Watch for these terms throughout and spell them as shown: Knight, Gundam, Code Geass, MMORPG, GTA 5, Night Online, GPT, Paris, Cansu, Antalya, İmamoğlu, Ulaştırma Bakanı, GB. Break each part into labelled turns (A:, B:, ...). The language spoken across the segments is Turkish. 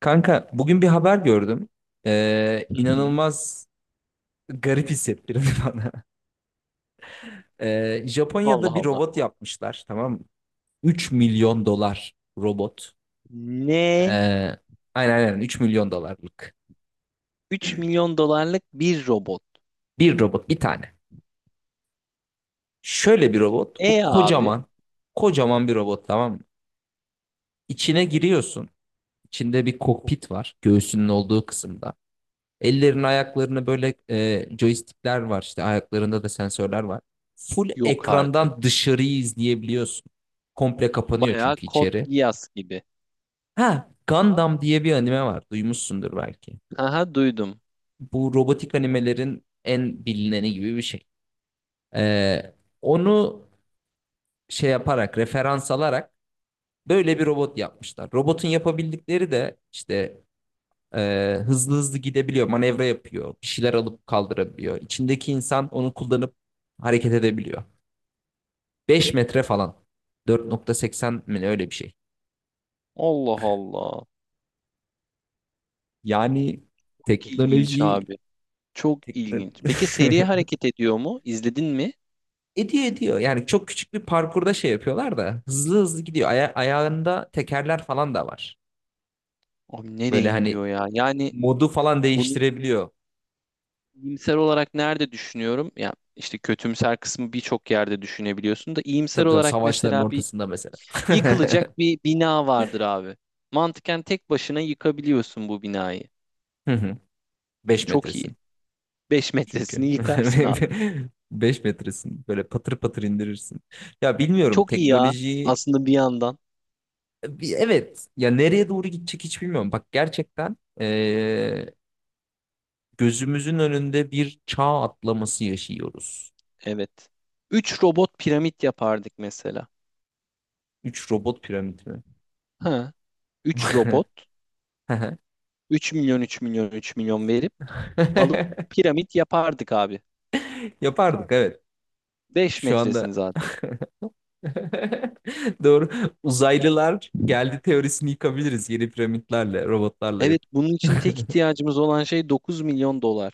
A: Kanka bugün bir haber gördüm.
B: Hı hı.
A: İnanılmaz garip hissettirdi bana.
B: Allah
A: Japonya'da bir
B: Allah.
A: robot yapmışlar, tamam mı? 3 milyon dolar robot.
B: Ne?
A: Ee, aynen 3 milyon dolarlık.
B: 3 milyon dolarlık bir robot.
A: Bir robot, bir tane. Şöyle bir robot.
B: E
A: Bu
B: abi?
A: kocaman. Kocaman bir robot, tamam mı? İçine giriyorsun. İçinde bir kokpit var. Göğsünün olduğu kısımda. Ellerini ayaklarını böyle joystickler var, işte ayaklarında da sensörler var. Full
B: Yok artık.
A: ekrandan dışarıyı izleyebiliyorsun. Komple kapanıyor
B: Bayağı
A: çünkü
B: kod
A: içeri.
B: Geass gibi.
A: Ha, Gundam diye bir anime var. Duymuşsundur belki.
B: Aha duydum.
A: Bu robotik animelerin en bilineni gibi bir şey. Ee, onu şey yaparak, referans alarak böyle bir robot yapmışlar. Robotun yapabildikleri de işte, hızlı hızlı gidebiliyor, manevra yapıyor, bir şeyler alıp kaldırabiliyor. İçindeki insan onu kullanıp hareket edebiliyor. 5 metre falan. 4.80 mi, öyle bir şey.
B: Allah Allah.
A: Yani
B: Çok İlginç
A: teknoloji,
B: abi. Çok
A: tekno-
B: ilginç. Peki seri hareket ediyor mu? İzledin mi?
A: ediyor. Yani çok küçük bir parkurda şey yapıyorlar da hızlı hızlı gidiyor. Ayağında tekerler falan da var.
B: Abi nereye
A: Böyle hani
B: gidiyor ya? Yani
A: modu falan
B: bunu
A: değiştirebiliyor.
B: iyimser olarak nerede düşünüyorum? Ya işte kötümser kısmı birçok yerde düşünebiliyorsun da iyimser
A: Tabii tabii,
B: olarak
A: savaşların
B: mesela bir
A: ortasında mesela.
B: yıkılacak bir bina vardır abi. Mantıken tek başına yıkabiliyorsun bu binayı.
A: Beş
B: Çok iyi.
A: metresin.
B: 5 metresini
A: Çünkü.
B: yıkarsın abi.
A: Beş metresin, böyle patır patır indirirsin. Ya bilmiyorum
B: Çok iyi ya
A: teknolojiyi
B: aslında bir yandan.
A: evet ya, nereye doğru gidecek hiç bilmiyorum. Bak gerçekten, gözümüzün önünde bir çağ atlaması yaşıyoruz.
B: Evet. 3 robot piramit yapardık mesela.
A: Üç robot piramidi mi?
B: Ha, üç robot 3 milyon 3 milyon 3 milyon verip alıp piramit yapardık abi.
A: Yapardık, evet.
B: 5
A: Şu
B: metresini
A: anda
B: zaten.
A: doğru, uzaylılar geldi teorisini yıkabiliriz yeni piramitlerle, robotlarla
B: Evet,
A: yapıp.
B: bunun için tek ihtiyacımız olan şey 9 milyon dolar.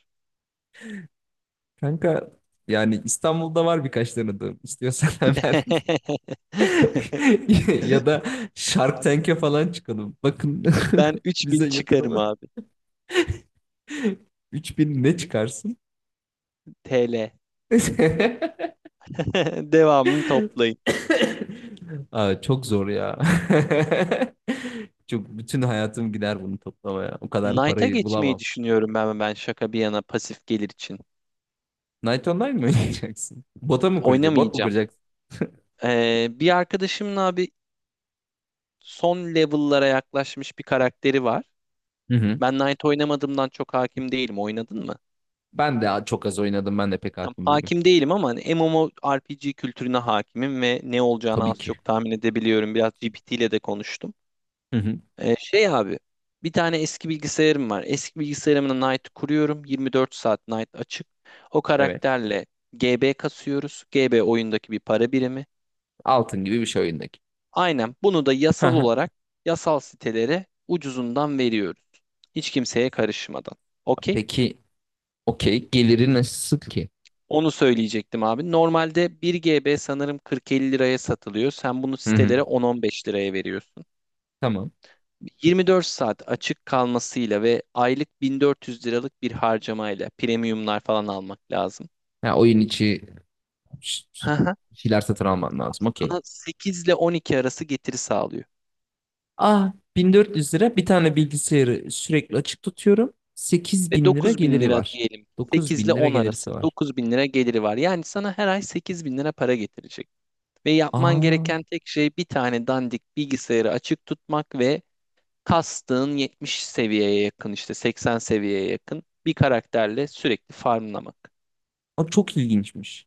A: Kanka, yani İstanbul'da var birkaç tanıdığım. İstiyorsan hemen ya da Shark Tank'e falan çıkalım. Bakın
B: Ben 3 bin
A: bize
B: çıkarım
A: yatırımı
B: abi.
A: 3000 ne çıkarsın?
B: TL. Devamını toplayın.
A: Aa, çok zor ya. Çok, bütün hayatım gider bunu toplamaya. O kadar
B: Knight'a
A: parayı
B: geçmeyi
A: bulamam.
B: düşünüyorum ben şaka bir yana pasif gelir için.
A: Night Online mi oynayacaksın? Bota mı kuracaksın? Bot mu
B: Oynamayacağım.
A: kuracaksın?
B: Bir arkadaşımın abi son level'lara yaklaşmış bir karakteri var.
A: Hı hı.
B: Ben Knight oynamadığımdan çok hakim değilim. Oynadın mı?
A: Ben de çok az oynadım. Ben de pek
B: Tam
A: hakim değilim.
B: hakim değilim ama hani MMORPG kültürüne hakimim ve ne olacağını
A: Tabii
B: az
A: ki.
B: çok tahmin edebiliyorum. Biraz GPT ile de konuştum.
A: Hı hı.
B: Şey abi bir tane eski bilgisayarım var. Eski bilgisayarımın Night kuruyorum. 24 saat Night açık. O
A: Evet.
B: karakterle GB kasıyoruz. GB oyundaki bir para birimi.
A: Altın gibi bir şey oyundaki.
B: Aynen bunu da yasal olarak yasal sitelere ucuzundan veriyoruz. Hiç kimseye karışmadan. Okey.
A: Peki okey geliri nasıl ki?
B: Onu söyleyecektim abi. Normalde 1 GB sanırım 40-50 liraya satılıyor. Sen bunu
A: Hı hı.
B: sitelere 10-15 liraya veriyorsun.
A: Tamam.
B: 24 saat açık kalmasıyla ve aylık 1400 liralık bir harcamayla premiumlar falan almak lazım.
A: Ha, oyun içi ş-
B: Hı
A: ş-
B: hı.
A: şeyler satın alman lazım. Okey.
B: Sana 8 ile 12 arası getiri sağlıyor.
A: Ah, 1400 lira, bir tane bilgisayarı sürekli açık tutuyorum.
B: Ve
A: 8000 lira
B: 9000
A: geliri
B: lira
A: var.
B: diyelim. 8 ile
A: 9000 lira
B: 10 arası
A: gelirisi var.
B: 9000 lira geliri var. Yani sana her ay 8000 lira para getirecek. Ve yapman
A: Aa,
B: gereken tek şey bir tane dandik bilgisayarı açık tutmak ve kastığın 70 seviyeye yakın işte 80 seviyeye yakın bir karakterle sürekli farmlamak.
A: o çok ilginçmiş.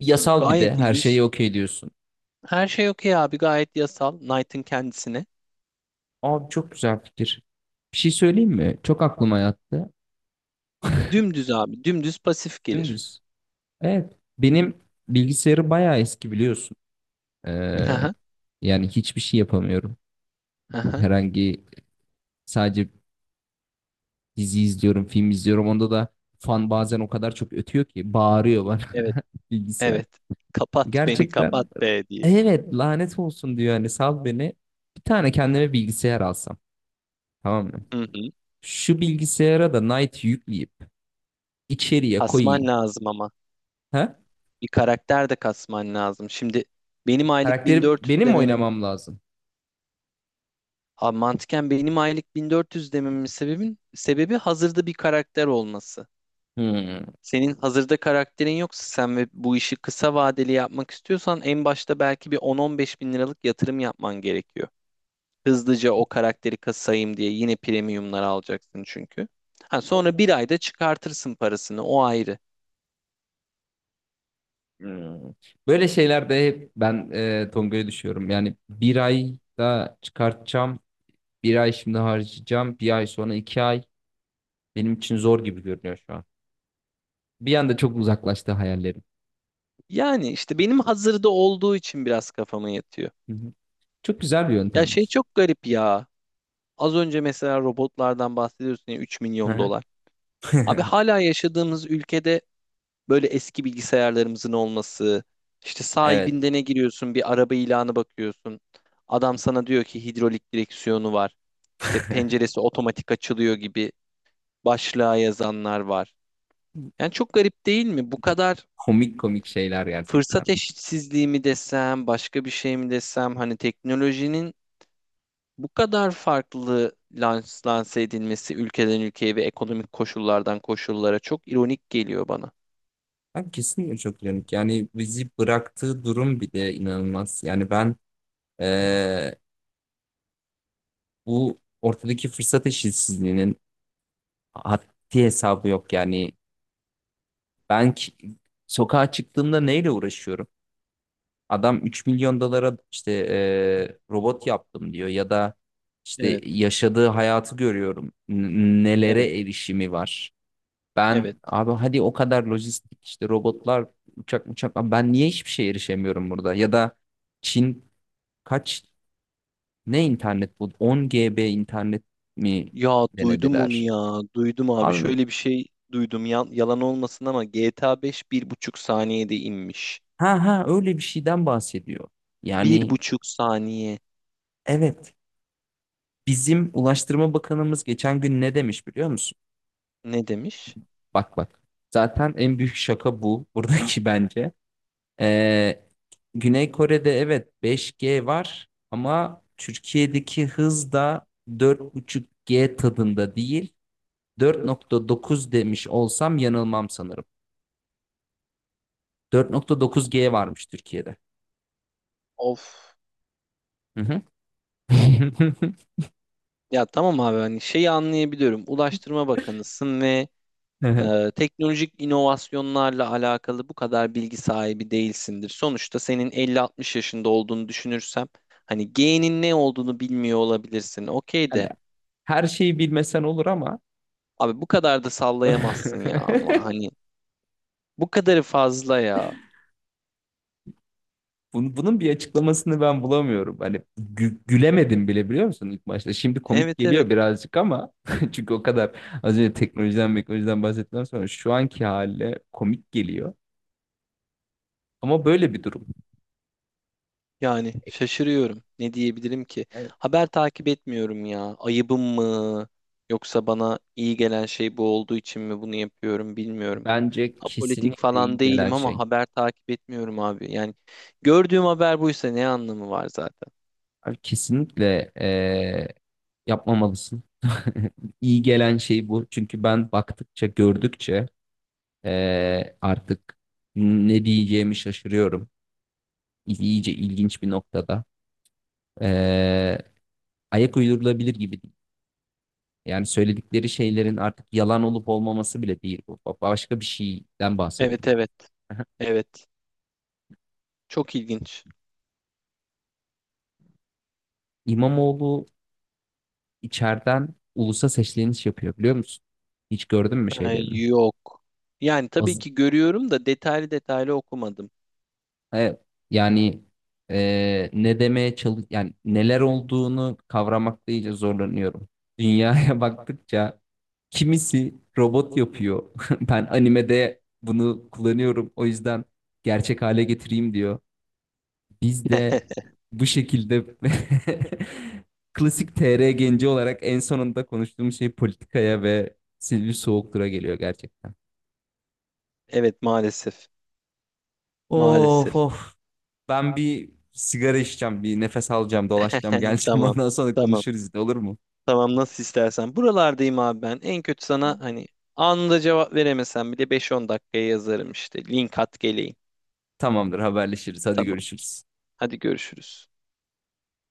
A: Yasal bir
B: Gayet
A: de her
B: ilginç.
A: şeyi, okey diyorsun.
B: Her şey okey abi, gayet yasal Knight'ın kendisine.
A: Abi çok güzel fikir. Bir şey söyleyeyim mi? Çok aklıma yattı.
B: Dümdüz abi, dümdüz pasif gelir.
A: Dümdüz. Evet. Benim bilgisayarı bayağı eski biliyorsun.
B: Hı
A: Ee,
B: hı,
A: yani hiçbir şey yapamıyorum.
B: hı hı.
A: Herhangi, sadece dizi izliyorum, film izliyorum. Onda da fan bazen o kadar çok ötüyor ki, bağırıyor bana
B: Evet,
A: bilgisayar.
B: evet, kapat beni kapat
A: Gerçekten,
B: be diye.
A: evet, lanet olsun diyor, hani sal beni. Bir tane kendime bilgisayar alsam, tamam mı?
B: Hı hı.
A: Şu bilgisayara da Knight yükleyip içeriye
B: Kasman
A: koyayım.
B: lazım ama
A: Ha?
B: bir karakter de kasman lazım. Şimdi benim aylık
A: Karakteri
B: 1400
A: benim mi
B: dememin,
A: oynamam lazım?
B: abi mantıken benim aylık 1400 dememin sebebi hazırda bir karakter olması.
A: Hmm,
B: Senin hazırda karakterin yoksa sen ve bu işi kısa vadeli yapmak istiyorsan en başta belki bir 10-15 bin liralık yatırım yapman gerekiyor. Hızlıca o karakteri kasayım diye yine premiumlar alacaksın çünkü. Ha, sonra bir ayda çıkartırsın parasını, o ayrı.
A: hmm. Böyle şeylerde hep ben Tonga'ya düşüyorum. Yani bir ayda çıkartacağım, bir ay şimdi harcayacağım, bir ay sonra iki ay. Benim için zor gibi görünüyor şu an. Bir anda çok uzaklaştı hayallerim.
B: Yani işte benim hazırda olduğu için biraz kafama yatıyor.
A: Hı hı. Çok güzel bir
B: Ya şey
A: yöntemmiş.
B: çok garip ya. Az önce mesela robotlardan bahsediyorsun ya, 3
A: Hı
B: milyon
A: hı.
B: dolar. Abi hala yaşadığımız ülkede böyle eski bilgisayarlarımızın olması, işte
A: Evet.
B: sahibinde ne giriyorsun, bir araba ilanı bakıyorsun. Adam sana diyor ki hidrolik direksiyonu var. İşte penceresi otomatik açılıyor gibi başlığa yazanlar var. Yani çok garip değil mi? Bu kadar
A: Komik komik şeyler gerçekten.
B: fırsat eşitsizliği mi desem, başka bir şey mi desem, hani teknolojinin bu kadar farklı lanse edilmesi ülkeden ülkeye ve ekonomik koşullardan koşullara çok ironik geliyor bana.
A: Ben kesinlikle çok uyanık. Yani bizi bıraktığı durum bir de inanılmaz. Yani ben, eee, bu ortadaki fırsat eşitsizliğinin haddi hesabı yok. Yani ben ki- sokağa çıktığımda neyle uğraşıyorum? Adam 3 milyon dolara işte, robot yaptım diyor, ya da işte
B: Evet,
A: yaşadığı hayatı görüyorum.
B: evet,
A: Nelere erişimi var. Ben
B: evet.
A: abi hadi, o kadar lojistik işte, robotlar, uçak uçak, ben niye hiçbir şeye erişemiyorum burada? Ya da Çin, kaç ne internet bu? 10 GB internet mi
B: Ya duydum onu
A: denediler?
B: ya. Duydum abi.
A: Abi,
B: Şöyle bir şey duydum. Yalan olmasın ama GTA 5 1,5 saniyede inmiş.
A: ha ha, öyle bir şeyden bahsediyor.
B: Bir
A: Yani
B: buçuk saniye.
A: evet, bizim Ulaştırma Bakanımız geçen gün ne demiş biliyor musun?
B: Ne demiş?
A: Bak bak. Zaten en büyük şaka bu buradaki, bence. Ee, Güney Kore'de evet 5G var ama Türkiye'deki hız da 4.5G tadında değil. 4.9 demiş olsam yanılmam sanırım. 4.9G varmış Türkiye'de.
B: Of.
A: Hı hı.
B: Ya tamam abi, hani şeyi anlayabiliyorum. Ulaştırma Bakanısın ve teknolojik inovasyonlarla alakalı bu kadar bilgi sahibi değilsindir. Sonuçta senin 50-60 yaşında olduğunu düşünürsem hani G'nin ne olduğunu bilmiyor olabilirsin. Okey
A: Hani
B: de
A: her şeyi bilmesen olur ama
B: abi bu kadar da sallayamazsın ya, ama hani bu kadarı fazla ya.
A: Bunun bir açıklamasını ben bulamıyorum. Hani gülemedim bile biliyor musun ilk başta. Şimdi komik
B: Evet, evet.
A: geliyor birazcık ama çünkü o kadar az önce teknolojiden bahsettikten sonra şu anki haliyle komik geliyor. Ama böyle bir durum.
B: Yani şaşırıyorum. Ne diyebilirim ki?
A: Evet.
B: Haber takip etmiyorum ya. Ayıbım mı? Yoksa bana iyi gelen şey bu olduğu için mi bunu yapıyorum, bilmiyorum.
A: Bence
B: Apolitik
A: kesinlikle
B: falan
A: iyi gelen
B: değilim ama
A: şey.
B: haber takip etmiyorum abi. Yani gördüğüm haber buysa ne anlamı var zaten?
A: Abi kesinlikle, yapmamalısın. İyi gelen şey bu. Çünkü ben baktıkça, gördükçe, artık ne diyeceğimi şaşırıyorum. İyice ilginç bir noktada. Ee, ayak uydurulabilir gibi değil. Yani söyledikleri şeylerin artık yalan olup olmaması bile değil bu. Başka bir şeyden
B: Evet,
A: bahsediliyor.
B: evet. Evet. Çok ilginç.
A: İmamoğlu içeriden ulusa sesleniş yapıyor, biliyor musun? Hiç gördün mü
B: Ha,
A: şeylerini?
B: yok. Yani tabii
A: Az-
B: ki görüyorum da detaylı detaylı okumadım.
A: Evet. Yani ne demeye çalış, yani neler olduğunu kavramakta iyice zorlanıyorum. Dünyaya baktıkça kimisi robot yapıyor. Ben animede bunu kullanıyorum, o yüzden gerçek hale getireyim diyor. Biz de bu şekilde klasik TR genci olarak en sonunda konuştuğum şey politikaya ve Silivri Soğuktur'a geliyor gerçekten.
B: Evet, maalesef.
A: Of
B: Maalesef.
A: of. Ben bir sigara içeceğim, bir nefes alacağım, dolaşacağım, geleceğim.
B: Tamam.
A: Ondan sonra
B: Tamam.
A: konuşuruz, ne olur mu?
B: Tamam, nasıl istersen. Buralardayım abi ben. En kötü sana hani anında cevap veremesem bile beş on dakikaya yazarım işte. Link at geleyim.
A: Tamamdır, haberleşiriz. Hadi
B: Tamam.
A: görüşürüz.
B: Hadi görüşürüz.